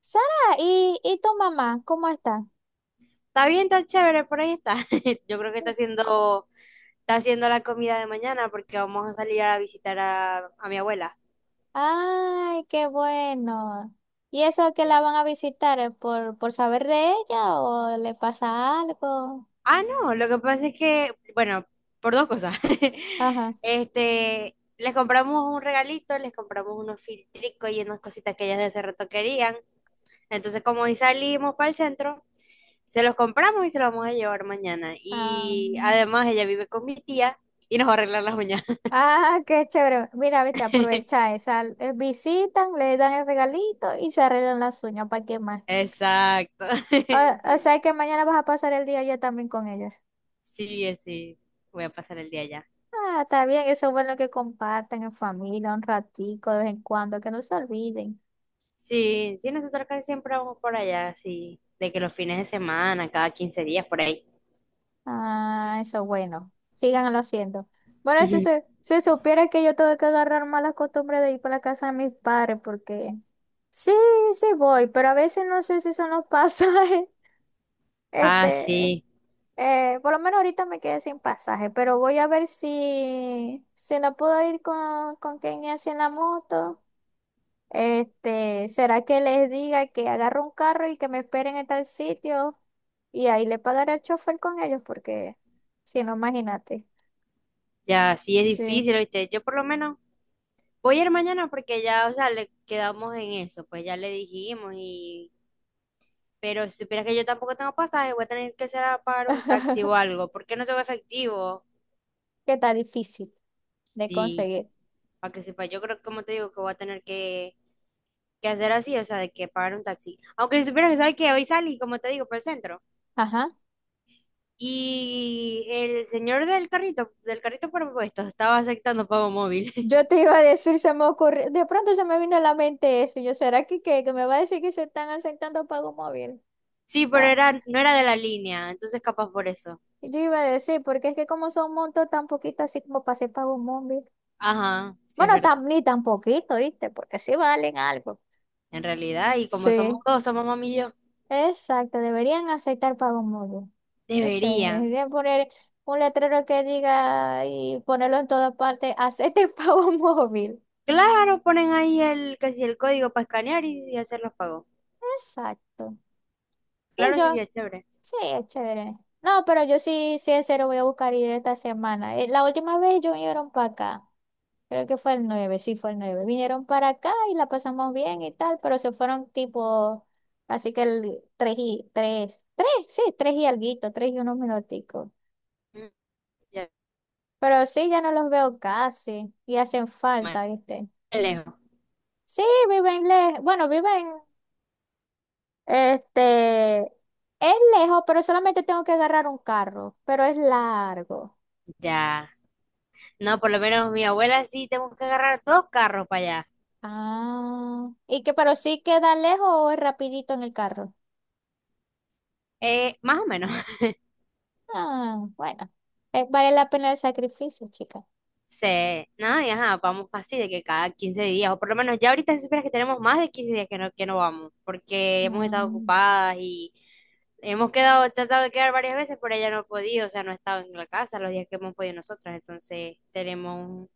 Sara, ¿y tu mamá? ¿Cómo está? Está bien, está chévere, por ahí está. Yo creo que está haciendo la comida de mañana porque vamos a salir a visitar a mi abuela. Ay, qué bueno. ¿Y eso que la van a visitar por saber de ella o le pasa algo? Ah, no, lo que pasa es que, bueno, por dos cosas. Ajá. Les compramos un regalito, les compramos unos filtricos y unas cositas que ellas de hace rato querían. Entonces, como hoy salimos para el centro, se los compramos y se los vamos a llevar mañana. Ah, Y mm. además ella vive con mi tía y nos va a arreglar las uñas. Ah, qué chévere. Mira, viste, aprovecha esa. Visitan, le dan el regalito y se arreglan las uñas. ¿Para qué más? Exacto. O, o Sí, sea que mañana vas a pasar el día allá también con ellos. sí, sí. Voy a pasar el día allá. Ah, está bien, eso es bueno que compartan en familia un ratico de vez en cuando, que no se olviden. Sí, sí, nosotros casi siempre vamos por allá, sí. De que los fines de semana, cada 15 días, por ahí. Ah, eso bueno. Síganlo haciendo. Bueno, si Ujú. se, si supiera que yo tengo que agarrar malas costumbres de ir para la casa de mis padres, porque sí, sí voy, pero a veces no sé si son los pasajes. Ah, Este, sí. Por lo menos ahorita me quedé sin pasaje, pero voy a ver si no puedo ir con Kenny así en la moto. ¿Será que les diga que agarro un carro y que me esperen en tal sitio? Y ahí le pagaré al chofer con ellos, porque si no, imagínate. Ya, sí es Sí. difícil, ¿viste? Yo por lo menos voy a ir mañana porque ya, o sea, le quedamos en eso, pues ya le dijimos y... Pero si supieras que yo tampoco tengo pasaje, voy a tener que ser a pagar un taxi o algo. ¿Por qué no tengo efectivo? Que está difícil de Sí, conseguir. para que sepa, yo creo que, como te digo, que voy a tener que hacer así, o sea, de que pagar un taxi. Aunque si supieras que sabes que hoy salí, como te digo, para el centro. Ajá. Y el señor del carrito propuesto, estaba aceptando pago móvil. Yo te iba a decir, se me ocurrió, de pronto se me vino a la mente eso. Yo, ¿será que, qué? ¿Que me va a decir que se están aceptando pago móvil? Sí, pero Ta- no era de la línea, entonces capaz por eso. Yo iba a decir, porque es que como son montos tan poquitos, así como para hacer pago móvil. Ajá, sí es Bueno, verdad. Ni tan poquito, ¿viste? Porque sí valen algo. En realidad, y como somos Sí. dos, somos mami y yo, Exacto, deberían aceptar pago móvil. No sé, deberían. deberían poner un letrero que diga y ponerlo en todas partes, acepten pago móvil. Claro, ponen ahí casi el código para escanear y hacer los pagos. Exacto. Sí, Claro, sí, yo, ya chévere. sí, es chévere. No, pero yo sí, sí, en serio voy a buscar ir esta semana. La última vez ellos vinieron para acá. Creo que fue el nueve, sí, fue el nueve. Vinieron para acá y la pasamos bien y tal, pero se fueron tipo, así que el 3 y 3 tres, sí, 3 y alguito, 3 y unos minuticos. Mm, ya, Pero sí, ya no los veo casi y hacen bueno, falta, ¿viste? lejos. Sí, viven lejos. Bueno, viven. Este, es lejos, pero solamente tengo que agarrar un carro, pero es largo. Ya. No, por lo menos mi abuela sí tengo que agarrar dos carros para allá. Ah, y que pero sí queda lejos o es rapidito en el carro. Más o menos, Ah, bueno, vale la pena el sacrificio, chica. se, nada, y ajá, vamos casi de que cada 15 días, o por lo menos ya ahorita si supieras que tenemos más de 15 días que no vamos, porque hemos estado Mm. ocupadas y hemos quedado, tratado de quedar varias veces, pero ella no ha podido, o sea, no ha estado en la casa los días que hemos podido nosotras, entonces tenemos,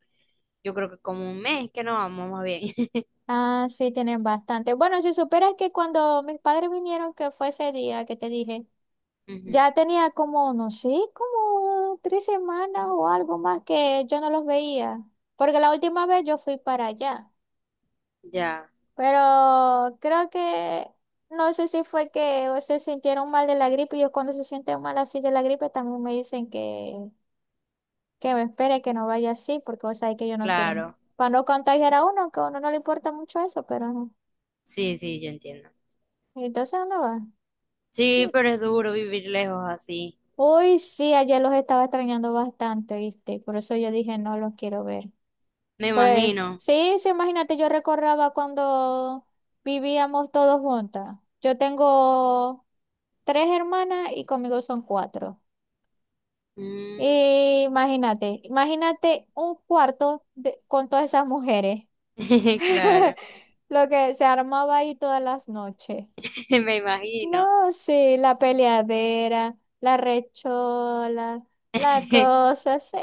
yo creo que como un mes que no vamos más bien. Ah, sí, tienen bastante. Bueno, si supieras que cuando mis padres vinieron, que fue ese día que te dije, Ujú, ya tenía como, no sé, como 3 semanas o algo más que yo no los veía, porque la última vez yo fui para allá. ya, Pero creo que, no sé si fue que se sintieron mal de la gripe, y yo cuando se sienten mal así de la gripe también me dicen que me espere, que no vaya así, porque vos sabés que ellos no quieren, claro, para no contagiar a uno, que a uno no le importa mucho eso, pero no. sí, sí, yo entiendo. Entonces no va. Sí, Y- pero es duro vivir lejos así, Uy, sí, ayer los estaba extrañando bastante, ¿viste? Por eso yo dije, no los quiero ver. me Pues, imagino. sí, sí, imagínate, yo recordaba cuando vivíamos todos juntas. Yo tengo tres hermanas y conmigo son cuatro. Mm, Y imagínate, imagínate un cuarto con todas esas mujeres. claro, Lo que se armaba ahí todas las noches. me imagino. No, sí, la peleadera, la rechola, la cosa, sí,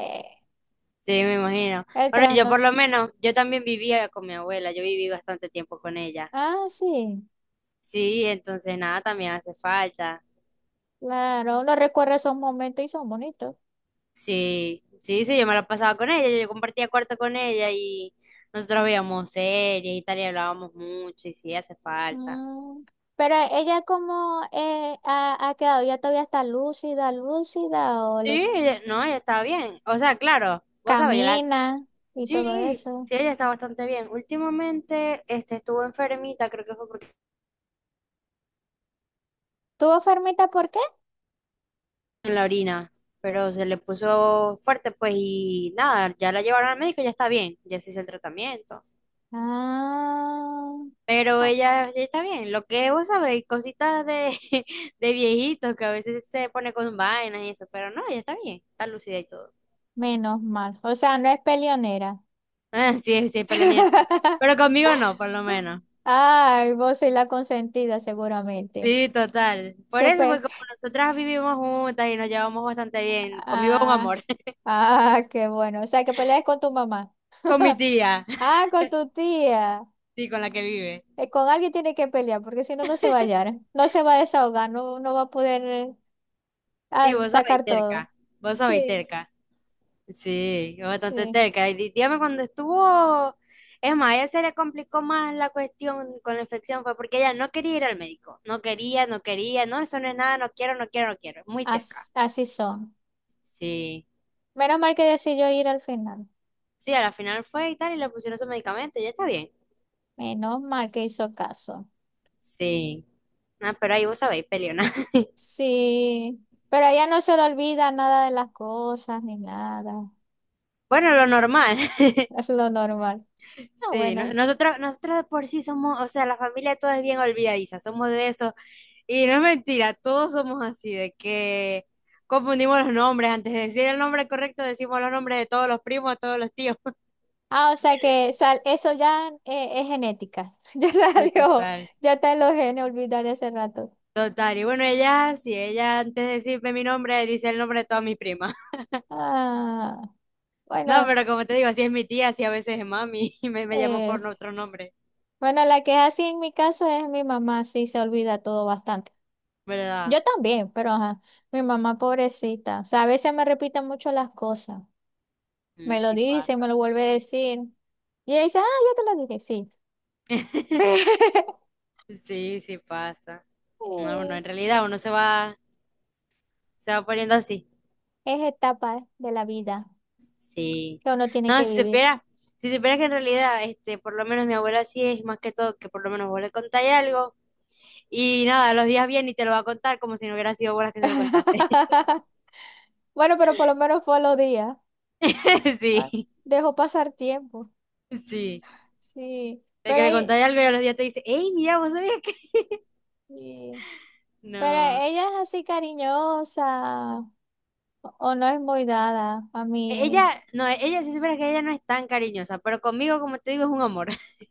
Sí, me imagino. el Bueno, yo por trasnoche. lo menos, yo también vivía con mi abuela, yo viví bastante tiempo con ella. Ah, sí, Sí, entonces nada, también hace falta. claro, uno recuerda esos momentos y son bonitos. Sí, sí, sí, yo me la pasaba con ella, yo compartía cuarto con ella y nosotros veíamos series y tal y hablábamos mucho y sí, hace falta. Mm, pero ella como ha quedado, ya todavía está lúcida, lúcida o Sí, le no, ella estaba bien. O sea, claro, vos sabés, yo la... camina y todo Sí, eso. sí, ella está bastante bien. Últimamente, estuvo enfermita, creo que fue porque ¿Tuvo fermita por qué? en la orina, pero se le puso fuerte, pues, y nada, ya la llevaron al médico, ya está bien, ya se hizo el tratamiento. Ah, Pero ah, ella ya está bien. Lo que vos sabéis, cositas de, de viejitos que a veces se pone con vainas y eso, pero no, ya está bien, está lúcida y todo. menos mal. O sea, no es peleonera. Ah, sí, sí, pelonier. Pero conmigo no, por lo menos. Ay, vos sois la consentida seguramente. Sí, total. Por Qué eso fue pe... como nosotras vivimos juntas y nos llevamos bastante bien. Conmigo es un Ah, amor. ah, qué bueno. O sea, que peleas con tu mamá. Con mi tía, Ah, con tu tía. sí, con la que vive. Con alguien tiene que pelear, porque si no, no se va a hallar, no se va a desahogar, no, no va a poder Sí, vos sabéis sacar todo. terca. Vos sabéis Sí, terca. Sí, es bastante sí, terca. Y dígame cuando estuvo, es más, a ella se le complicó más la cuestión con la infección, fue porque ella no quería ir al médico, no, eso no es nada, no quiero, es muy as- terca. así son. Sí, Menos mal que decidió ir al final, sí, a la final fue y tal, y le pusieron su medicamento, ya está bien. menos mal que hizo caso. Sí, no, pero ahí vos sabéis, peleona. Sí, pero a ella no se le olvida nada de las cosas ni nada, Bueno, lo normal. es lo normal. Ah, Sí, bueno. Nosotros de por sí somos, o sea, la familia todo es bien olvidadiza, somos de eso. Y no es mentira, todos somos así, de que confundimos los nombres. Antes de decir el nombre correcto, decimos los nombres de todos los primos, de todos los tíos. Ah, o sea que eso ya es genética, ya Sí, salió, total. ya está en los genes, olvidar de hace rato. Total. Y bueno, ella, si ella antes de decirme mi nombre, dice el nombre de todas mis primas. Ah, No, bueno. pero como te digo, así es mi tía, así a veces es mami, y me llamó Eh, por otro nombre. Bueno, la que es así en mi caso es mi mamá, sí se olvida todo bastante. ¿Verdad? Yo también, pero ajá, mi mamá pobrecita. O sea, a veces me repite mucho las cosas. Mm, Me lo sí dice, me pasa. lo vuelve a decir. Y ella dice, ah, ya te lo dije, sí. Sí, sí pasa. No, uno Eh, en realidad se va poniendo así. Es etapa de la vida Sí. que uno tiene No, que vivir. Si supiera que en realidad, por lo menos mi abuela sí es más que todo que por lo menos vos le contáis algo y nada, los días bien y te lo va a contar como si no hubiera sido vos las que se lo contaste. Bueno, pero por lo menos fue los días. Ah, Sí, dejó pasar tiempo. sí. Sí, De que pero, le contáis algo y a los días te dice, hey, mira, vos sabías que... sí, pero No. ella es así cariñosa. O no es muy dada a Ella, mí. no, ella sí supiera que ella no es tan cariñosa, pero conmigo, como te digo, es un amor.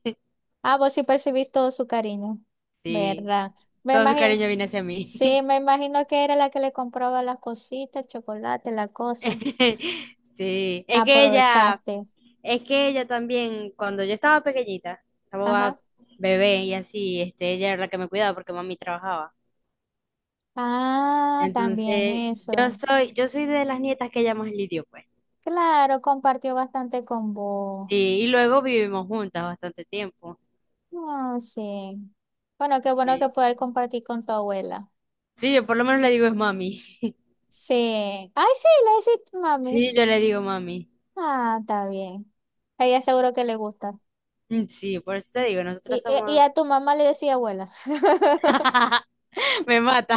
Ah, vos sí percibís todo su cariño, Sí. ¿verdad? Me Todo su imagino, cariño viene hacia mí. sí, me imagino que era la que le compraba las cositas, chocolate, la cosa. Sí. Aprovechaste. Es que ella también, cuando yo estaba pequeñita, estaba Ajá. bebé y así, ella era la que me cuidaba porque mami trabajaba. Ah, también Entonces, eso. Yo soy de las nietas que ella más lidió, pues. Claro, compartió bastante con vos. Sí, y luego vivimos juntas bastante tiempo. Ah, sí. Bueno, qué bueno que Sí. puedes compartir con tu abuela. Sí, yo por lo menos le digo es mami. Sí. Ay, sí, le hiciste, mami. Sí, yo le digo mami. Ah, está bien. A ella seguro que le gusta. Mm, sí, por eso te digo, nosotras Y somos... a tu mamá le decía abuela. Me mata.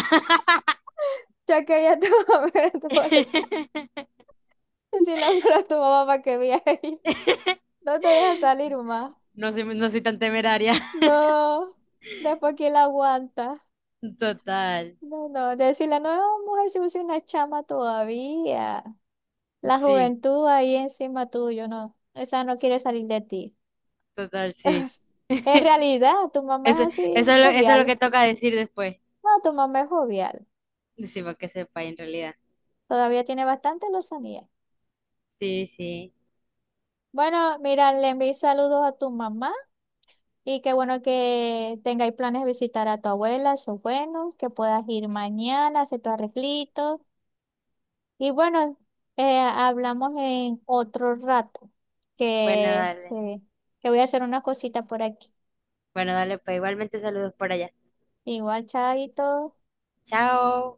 Ya quería tu mamá, pero tu mamá le decía, si la fuera tu mamá para que viera ahí. No te deja salir más. No soy tan temeraria. No. Después quién la aguanta. Total, No, no. Decirle, no, mujer, si vos sos una chama todavía. La sí, juventud ahí encima tuyo, no. Esa no quiere salir de ti. total, sí. En realidad, tu mamá Eso, es es así, eso es lo jovial. que toca decir después. No, tu mamá es jovial. Sí, para que sepa en realidad. Todavía tiene bastante lozanía. Sí, sí. Bueno, mira, le envío saludos a tu mamá. Y qué bueno que tengáis planes de visitar a tu abuela, eso es bueno, que puedas ir mañana, hacer tu arreglito. Y bueno, hablamos en otro rato, Bueno, que, sí, dale. que voy a hacer unas cositas por aquí. Bueno, dale, pues igualmente saludos por allá. Igual, chaito. Chao.